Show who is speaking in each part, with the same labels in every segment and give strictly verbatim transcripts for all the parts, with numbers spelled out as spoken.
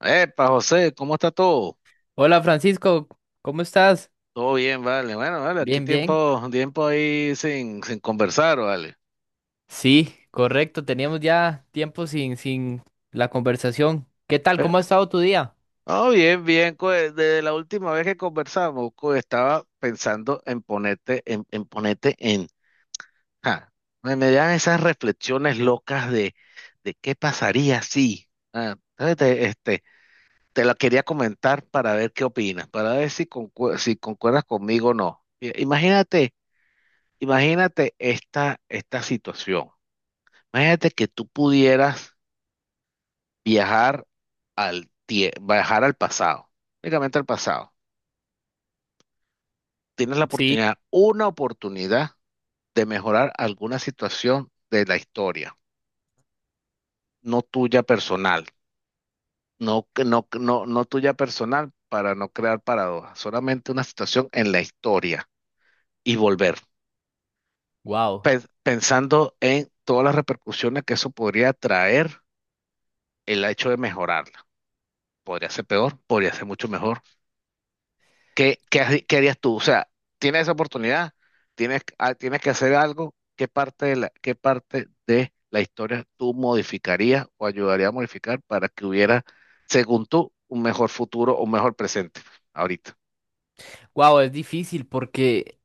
Speaker 1: Epa, José, ¿cómo está todo?
Speaker 2: Hola Francisco, ¿cómo estás?
Speaker 1: Todo bien, vale. Bueno, vale, aquí
Speaker 2: Bien, bien.
Speaker 1: tiempo, tiempo ahí sin, sin conversar, vale.
Speaker 2: Sí, correcto, teníamos ya tiempo sin, sin la conversación. ¿Qué tal? ¿Cómo ha estado tu día?
Speaker 1: No, bien, bien. co- Desde la última vez que conversamos, co, estaba pensando en ponerte, en, en ponerte en. Ja, me, me dan esas reflexiones locas de, de qué pasaría si. Ah, entonces te- este, te la quería comentar para ver qué opinas, para ver si, concu, si concuerdas conmigo o no. I- Imagínate, imagínate esta, esta situación. Imagínate que tú pudieras viajar, tie- viajar al pasado, únicamente al pasado. Tienes la
Speaker 2: Sí,
Speaker 1: oportunidad, una oportunidad de mejorar alguna situación de la historia, no tuya personal, no, que- no, que- no, no tuya personal para no crear paradojas, solamente una situación en la historia y volver,
Speaker 2: wow.
Speaker 1: pe- pensando en todas las repercusiones que eso podría traer el hecho de mejorarla. Podría ser peor, podría ser mucho mejor. ¿Qué, qué, harí- qué harías tú? O sea, tienes esa oportunidad, tienes, ah, tienes que hacer algo. ¿Qué parte de la, qué parte de la historia tú modificarías o ayudarías a modificar para que hubiera, según tú, un mejor futuro o un mejor presente ahorita?
Speaker 2: Wow, es difícil porque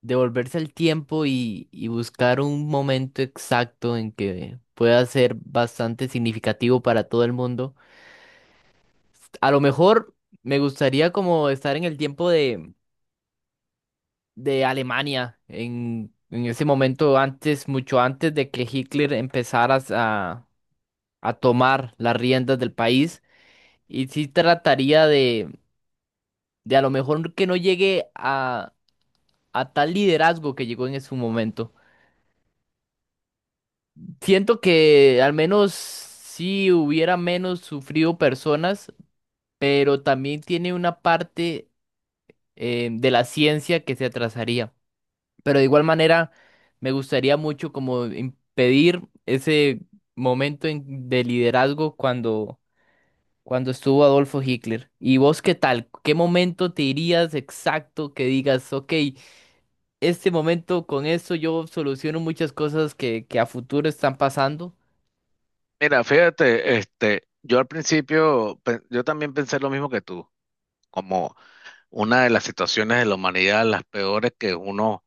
Speaker 2: devolverse el tiempo y, y buscar un momento exacto en que pueda ser bastante significativo para todo el mundo. A lo mejor me gustaría como estar en el tiempo de Alemania en, en ese momento, antes, mucho antes de que Hitler empezara a, a tomar las riendas del país. Y sí trataría de, de a lo mejor que no llegue a, a tal liderazgo que llegó en su momento. Siento que al menos sí hubiera menos sufrido personas, pero también tiene una parte eh, de la ciencia que se atrasaría. Pero de igual manera, me gustaría mucho como impedir ese momento en- de liderazgo cuando, cuando estuvo Adolfo Hitler. ¿Y vos qué tal? ¿Qué momento te irías exacto que digas, ok, este momento con esto yo soluciono muchas cosas que, que a futuro están pasando?
Speaker 1: Mira, fíjate, este, yo al principio, pe- yo también pensé lo mismo que tú, como una de las situaciones de la humanidad, las peores que uno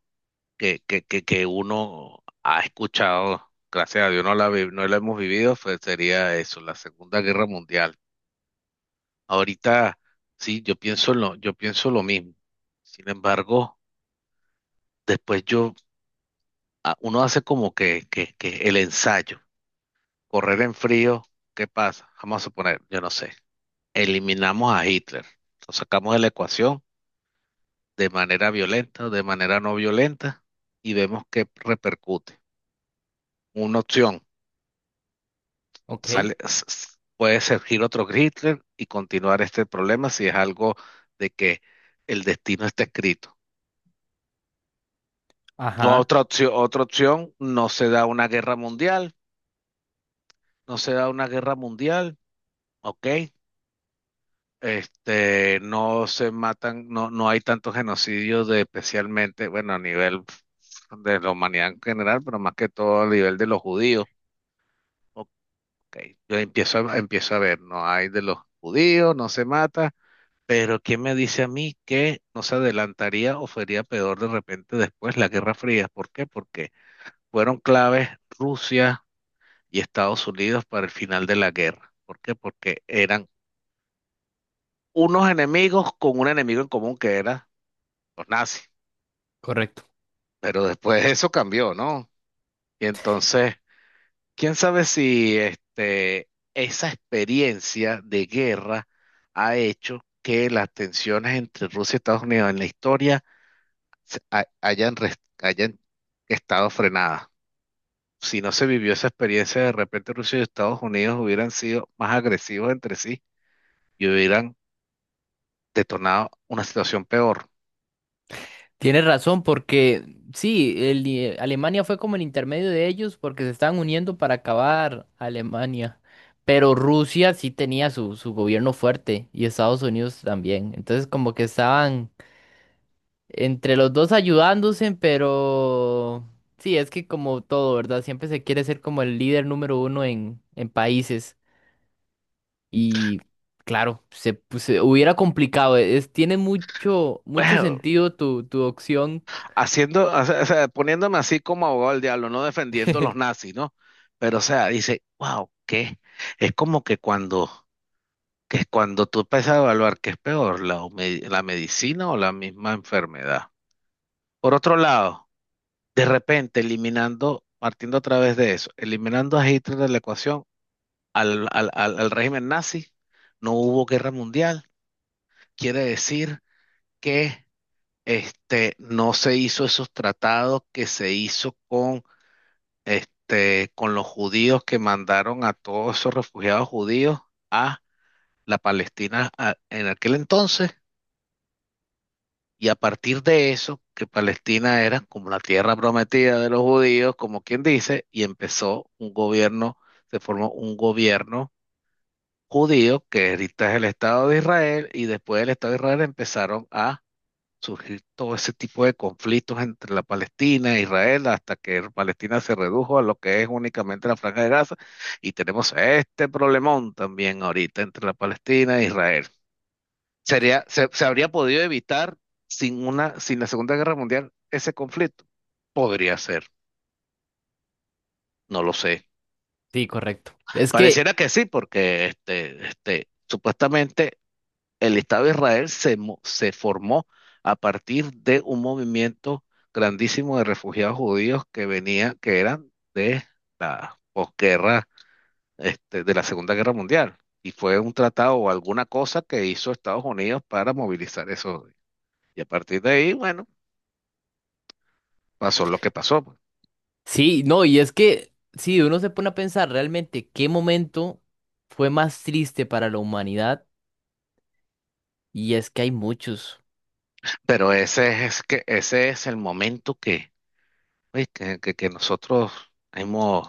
Speaker 1: que, que, que, que uno ha escuchado, gracias a Dios no la, vi- no la hemos vivido, fue- sería eso, la Segunda Guerra Mundial. Ahorita, sí, yo pienso lo, yo pienso lo mismo. Sin embargo, después yo, a- uno hace como que, que, que el ensayo, correr en frío, ¿qué pasa? Vamos a suponer, yo no sé, eliminamos a Hitler, lo sacamos de la ecuación de manera violenta o de manera no violenta y vemos qué repercute. Una opción
Speaker 2: Ok,
Speaker 1: sale, s- s- puede surgir otro Hitler y continuar este problema si es algo de que el destino está escrito.
Speaker 2: ajá,
Speaker 1: Otra opción, otra opción, no se da una guerra mundial, no se da una guerra mundial, ok. Este, no se matan, no, no hay tantos genocidios de especialmente, bueno, a nivel de la humanidad en general, pero más que todo a nivel de los judíos. Ok, yo empiezo, a- empiezo a ver, no hay de los judíos, no se mata. Pero ¿qué me dice a mí que no se adelantaría o sería peor de repente después la Guerra Fría? ¿Por qué? Porque fueron claves Rusia y Estados Unidos para el final de la guerra. ¿Por qué? Porque eran unos enemigos con un enemigo en común que era los nazis.
Speaker 2: correcto.
Speaker 1: Pero después eso cambió, ¿no? Y entonces, quién sabe si este, esa experiencia de guerra ha hecho que las tensiones entre Rusia y Estados Unidos en la historia se- ha- hayan, res- hayan estado frenadas. Si no se vivió esa experiencia, de repente Rusia y Estados Unidos hubieran sido más agresivos entre sí y hubieran detonado una situación peor.
Speaker 2: Tienes razón, porque sí, el i- Alemania fue como el intermedio de ellos porque se estaban uniendo para acabar a Alemania. Pero Rusia sí tenía su, su gobierno fuerte y Estados Unidos también. Entonces como que estaban entre los dos ayudándose, pero sí, es que como todo, ¿verdad? Siempre se quiere ser como el líder número uno en, en países. Y claro, se, pues, se hubiera complicado. Es, tiene mucho, mucho
Speaker 1: Bueno,
Speaker 2: sentido tu, tu opción.
Speaker 1: haciendo, o sea, o sea, poniéndome así como abogado del diablo, no defendiendo a los nazis, ¿no? Pero, o sea, dice, wow, ¿qué? Es como que cuando, que cuando tú empiezas a evaluar qué es peor, la, hume- la medicina o la misma enfermedad. Por otro lado, de repente, eliminando, partiendo a través de eso, eliminando a Hitler de la ecuación, al, al- al- al régimen nazi, no hubo guerra mundial. Quiere decir que este, no se hizo esos tratados que se hizo con, este, con los judíos que mandaron a todos esos refugiados judíos a la Palestina a- en aquel entonces. Y a partir de eso, que Palestina era como la tierra prometida de los judíos, como quien dice, y empezó un gobierno, se formó un gobierno judío, que ahorita es el Estado de Israel, y después del Estado de Israel empezaron a surgir todo ese tipo de conflictos entre la Palestina e Israel, hasta que Palestina se redujo a lo que es únicamente la Franja de Gaza, y tenemos este problemón también ahorita entre la Palestina e Israel. Sería, se, se habría podido evitar sin una, sin la Segunda Guerra Mundial ese conflicto. Podría ser, no lo sé.
Speaker 2: Sí, correcto. Es que,
Speaker 1: Pareciera que sí, porque este, este, supuestamente el Estado de Israel se, mo- se formó a partir de un movimiento grandísimo de refugiados judíos que venía, que eran de la posguerra, este, de la Segunda Guerra Mundial. Y fue un tratado o alguna cosa que hizo Estados Unidos para movilizar eso. Y a partir de ahí, bueno, pasó lo que pasó, pues.
Speaker 2: sí, no, y es que, sí, uno se pone a pensar realmente qué momento fue más triste para la humanidad, y es que hay muchos,
Speaker 1: Pero ese es que ese es el momento que, oye, que, que- que nosotros hemos,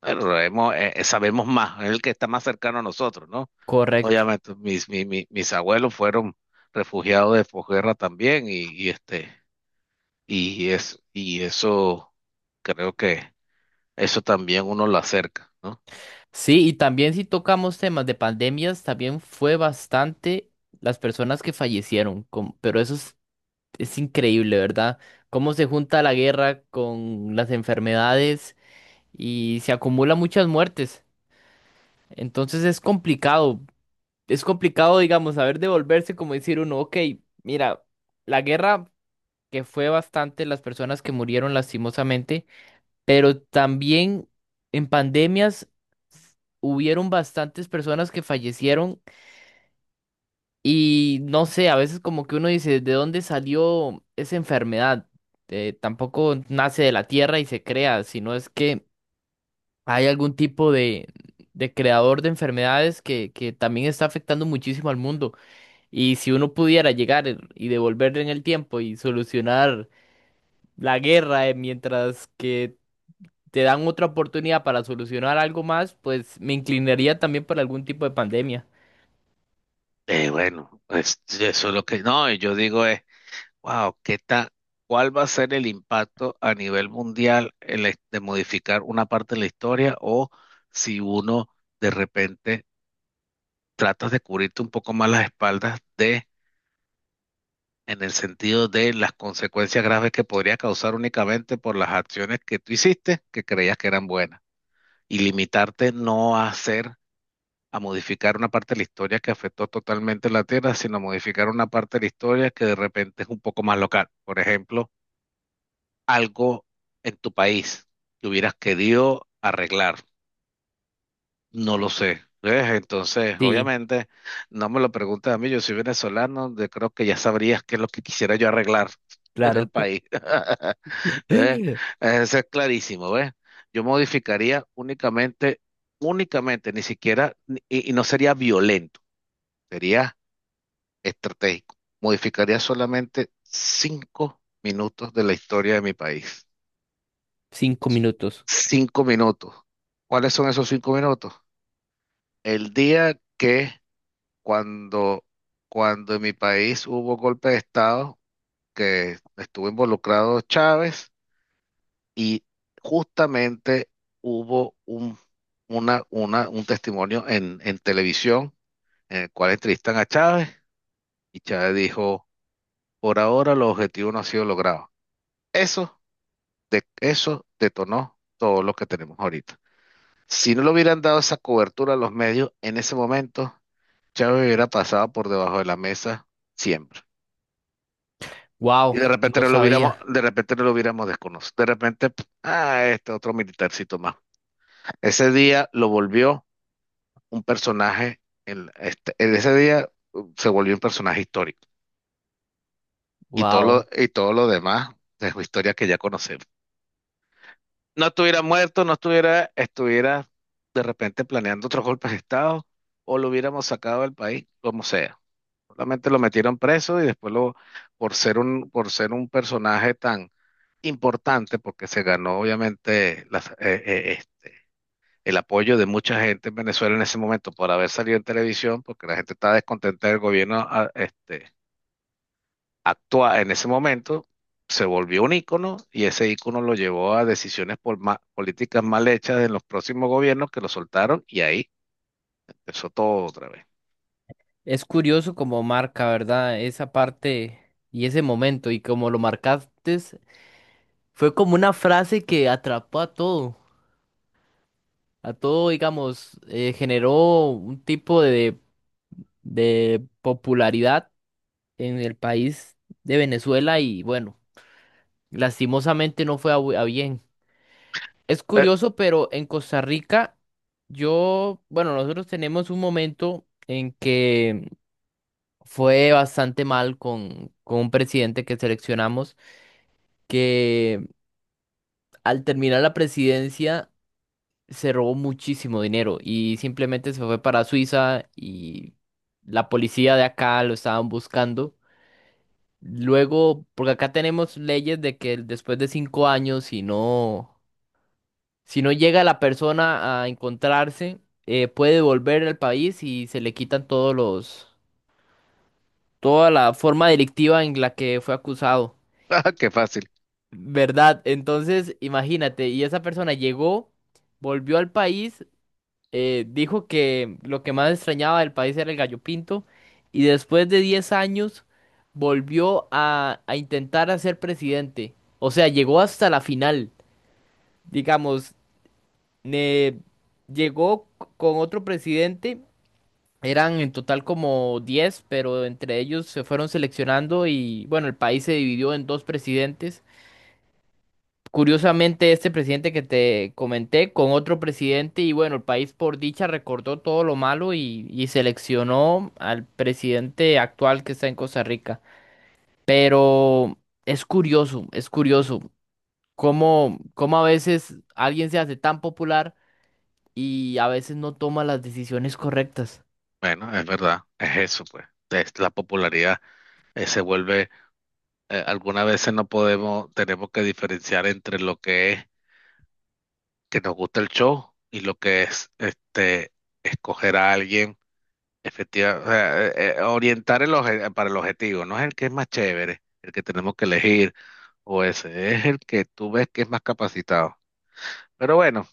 Speaker 1: bueno, hemos eh, eh, sabemos más, es el que está más cercano a nosotros, ¿no?
Speaker 2: correcto.
Speaker 1: Obviamente, mis, mi- mi- mis abuelos fueron refugiados de posguerra también, y, y este, y es, y eso creo que eso también uno lo acerca, ¿no?
Speaker 2: Sí, y también si tocamos temas de pandemias, también fue bastante las personas que fallecieron, com- pero eso es, es increíble, ¿verdad? Cómo se junta la guerra con las enfermedades y se acumulan muchas muertes. Entonces es complicado. Es complicado, digamos, saber devolverse, como decir uno, ok, mira, la guerra que fue bastante las personas que murieron lastimosamente, pero también en pandemias hubieron bastantes personas que fallecieron y no sé, a veces como que uno dice, ¿de dónde salió esa enfermedad? Eh, tampoco nace de la tierra y se crea, sino es que hay algún tipo de, de creador de enfermedades que, que también está afectando muchísimo al mundo. Y si uno pudiera llegar y devolver en el tiempo y solucionar la guerra eh, mientras que te dan otra oportunidad para solucionar algo más, pues me inclinaría también por algún tipo de pandemia.
Speaker 1: Eh, bueno, es- eso es lo que, no, y yo digo es wow, ¿qué tal? ¿Cuál va a ser el impacto a nivel mundial el es- de modificar una parte de la historia o si uno de repente tratas de cubrirte un poco más las espaldas de, en el sentido de las consecuencias graves que podría causar únicamente por las acciones que tú hiciste que creías que eran buenas y limitarte no a hacer, a modificar una parte de la historia que afectó totalmente la Tierra, sino modificar una parte de la historia que de repente es un poco más local? Por ejemplo algo en tu país que hubieras querido arreglar. No lo sé. ¿Ves? Entonces,
Speaker 2: Sí,
Speaker 1: obviamente, no me lo preguntes a mí, yo soy venezolano, de- creo que ya sabrías qué es lo que quisiera yo arreglar en el
Speaker 2: claro.
Speaker 1: país. ¿Ves? Eso es clarísimo, ¿ves? Yo modificaría únicamente, únicamente, ni siquiera, ni- y, y no sería violento, sería estratégico. Modificaría solamente cinco minutos de la historia de mi país.
Speaker 2: Cinco minutos.
Speaker 1: Cinco minutos. ¿Cuáles son esos cinco minutos? El día que cuando, cuando en mi país hubo golpe de Estado, que estuvo involucrado Chávez y justamente hubo un, una, una- un testimonio en, en televisión en el cual entrevistan a Chávez y Chávez dijo, por ahora el objetivo no ha sido logrado. Eso, de, eso detonó todo lo que tenemos ahorita. Si no le hubieran dado esa cobertura a los medios, en ese momento Chávez hubiera pasado por debajo de la mesa siempre. Y
Speaker 2: Wow,
Speaker 1: de repente
Speaker 2: no
Speaker 1: no lo hubiéramos,
Speaker 2: sabía.
Speaker 1: de repente no lo hubiéramos desconocido. De repente, p- ah, este otro militarcito más. Ese día lo volvió un personaje, en, este, en ese día uh, se volvió un personaje histórico. Y todo
Speaker 2: Wow.
Speaker 1: lo, y todo lo demás es historia que ya conocemos. No estuviera muerto, no estuviera, estuviera de repente planeando otros golpes de Estado, o lo hubiéramos sacado del país, como sea. Solamente lo metieron preso y después lo, por ser un, por ser un personaje tan importante, porque se ganó obviamente las- eh, eh, eh, el apoyo de mucha gente en Venezuela en ese momento por haber salido en televisión, porque la gente estaba descontenta del gobierno a- este, actual en ese momento, se volvió un ícono y ese ícono lo llevó a decisiones por ma- políticas mal hechas en los próximos gobiernos que lo soltaron y ahí empezó todo otra vez.
Speaker 2: Es curioso como marca, ¿verdad? Esa parte y ese momento y como lo marcaste, fue como una frase que atrapó a todo. A todo, digamos, eh, generó un tipo de de popularidad en el país de Venezuela y bueno, lastimosamente no fue a, bu- a bien. Es curioso, pero en Costa Rica, yo, bueno, nosotros tenemos un momento en que fue bastante mal con, con un presidente que seleccionamos, que al terminar la presidencia se robó muchísimo dinero y simplemente se fue para Suiza y la policía de acá lo estaban buscando. Luego, porque acá tenemos leyes de que después de cinco años, si no, si no llega la persona a encontrarse, eh, puede volver al país y se le quitan todos los, toda la forma delictiva en la que fue acusado.
Speaker 1: Qué fácil.
Speaker 2: ¿Verdad? Entonces, imagínate, y esa persona llegó, volvió al país eh, dijo que lo que más extrañaba del país era el gallo pinto y después de diez años volvió a, a intentar a ser presidente. O sea, llegó hasta la final, digamos, ne- llegó c- con otro presidente, eran en total como diez pero entre ellos se fueron seleccionando y bueno, el país se dividió en dos presidentes. Curiosamente, este presidente que te comenté con otro presidente y bueno, el país por dicha recordó todo lo malo y, y seleccionó al presidente actual que está en Costa Rica. Pero es curioso, es curioso cómo, cómo a veces alguien se hace tan popular y a veces no toma las decisiones correctas.
Speaker 1: Bueno, es verdad, es eso, pues. Es la popularidad eh, se vuelve, eh, algunas veces no podemos, tenemos que diferenciar entre lo que es que nos gusta el show y lo que es este escoger a alguien, efectivamente, orientar el oje- para el objetivo, no es el que es más chévere, el que tenemos que elegir, o ese, es el que tú ves que es más capacitado. Pero bueno,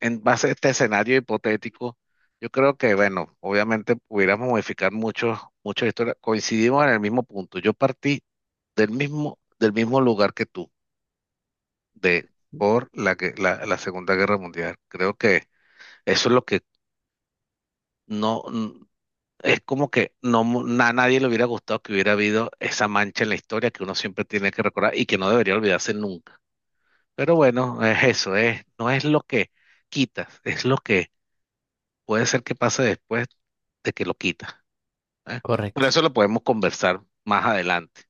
Speaker 1: en base a este escenario hipotético, yo creo que, bueno, obviamente pudiéramos modificar mucho, mucho la historia. Coincidimos en el mismo punto. Yo partí del mismo, del mismo lugar que tú, de por la, que- la, la Segunda Guerra Mundial. Creo que eso es lo que no, n- es como que no, mu- a nadie le hubiera gustado que hubiera habido esa mancha en la historia que uno siempre tiene que recordar y que no debería olvidarse nunca. Pero bueno, es eso, es, no es lo que quitas, es lo que puede ser que pase después de que lo quita, ¿eh? Pero eso
Speaker 2: Correcto.
Speaker 1: lo podemos conversar más adelante.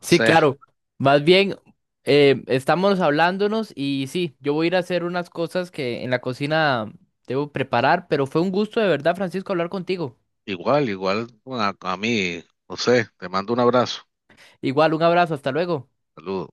Speaker 2: Sí, claro. Más bien, eh, estamos hablándonos y sí, yo voy a ir a hacer unas cosas que en la cocina debo preparar, pero fue un gusto de verdad, Francisco, hablar contigo.
Speaker 1: igual, igual bueno, a, a mí, no sé, te mando un abrazo.
Speaker 2: Igual, un abrazo, hasta luego.
Speaker 1: Saludos.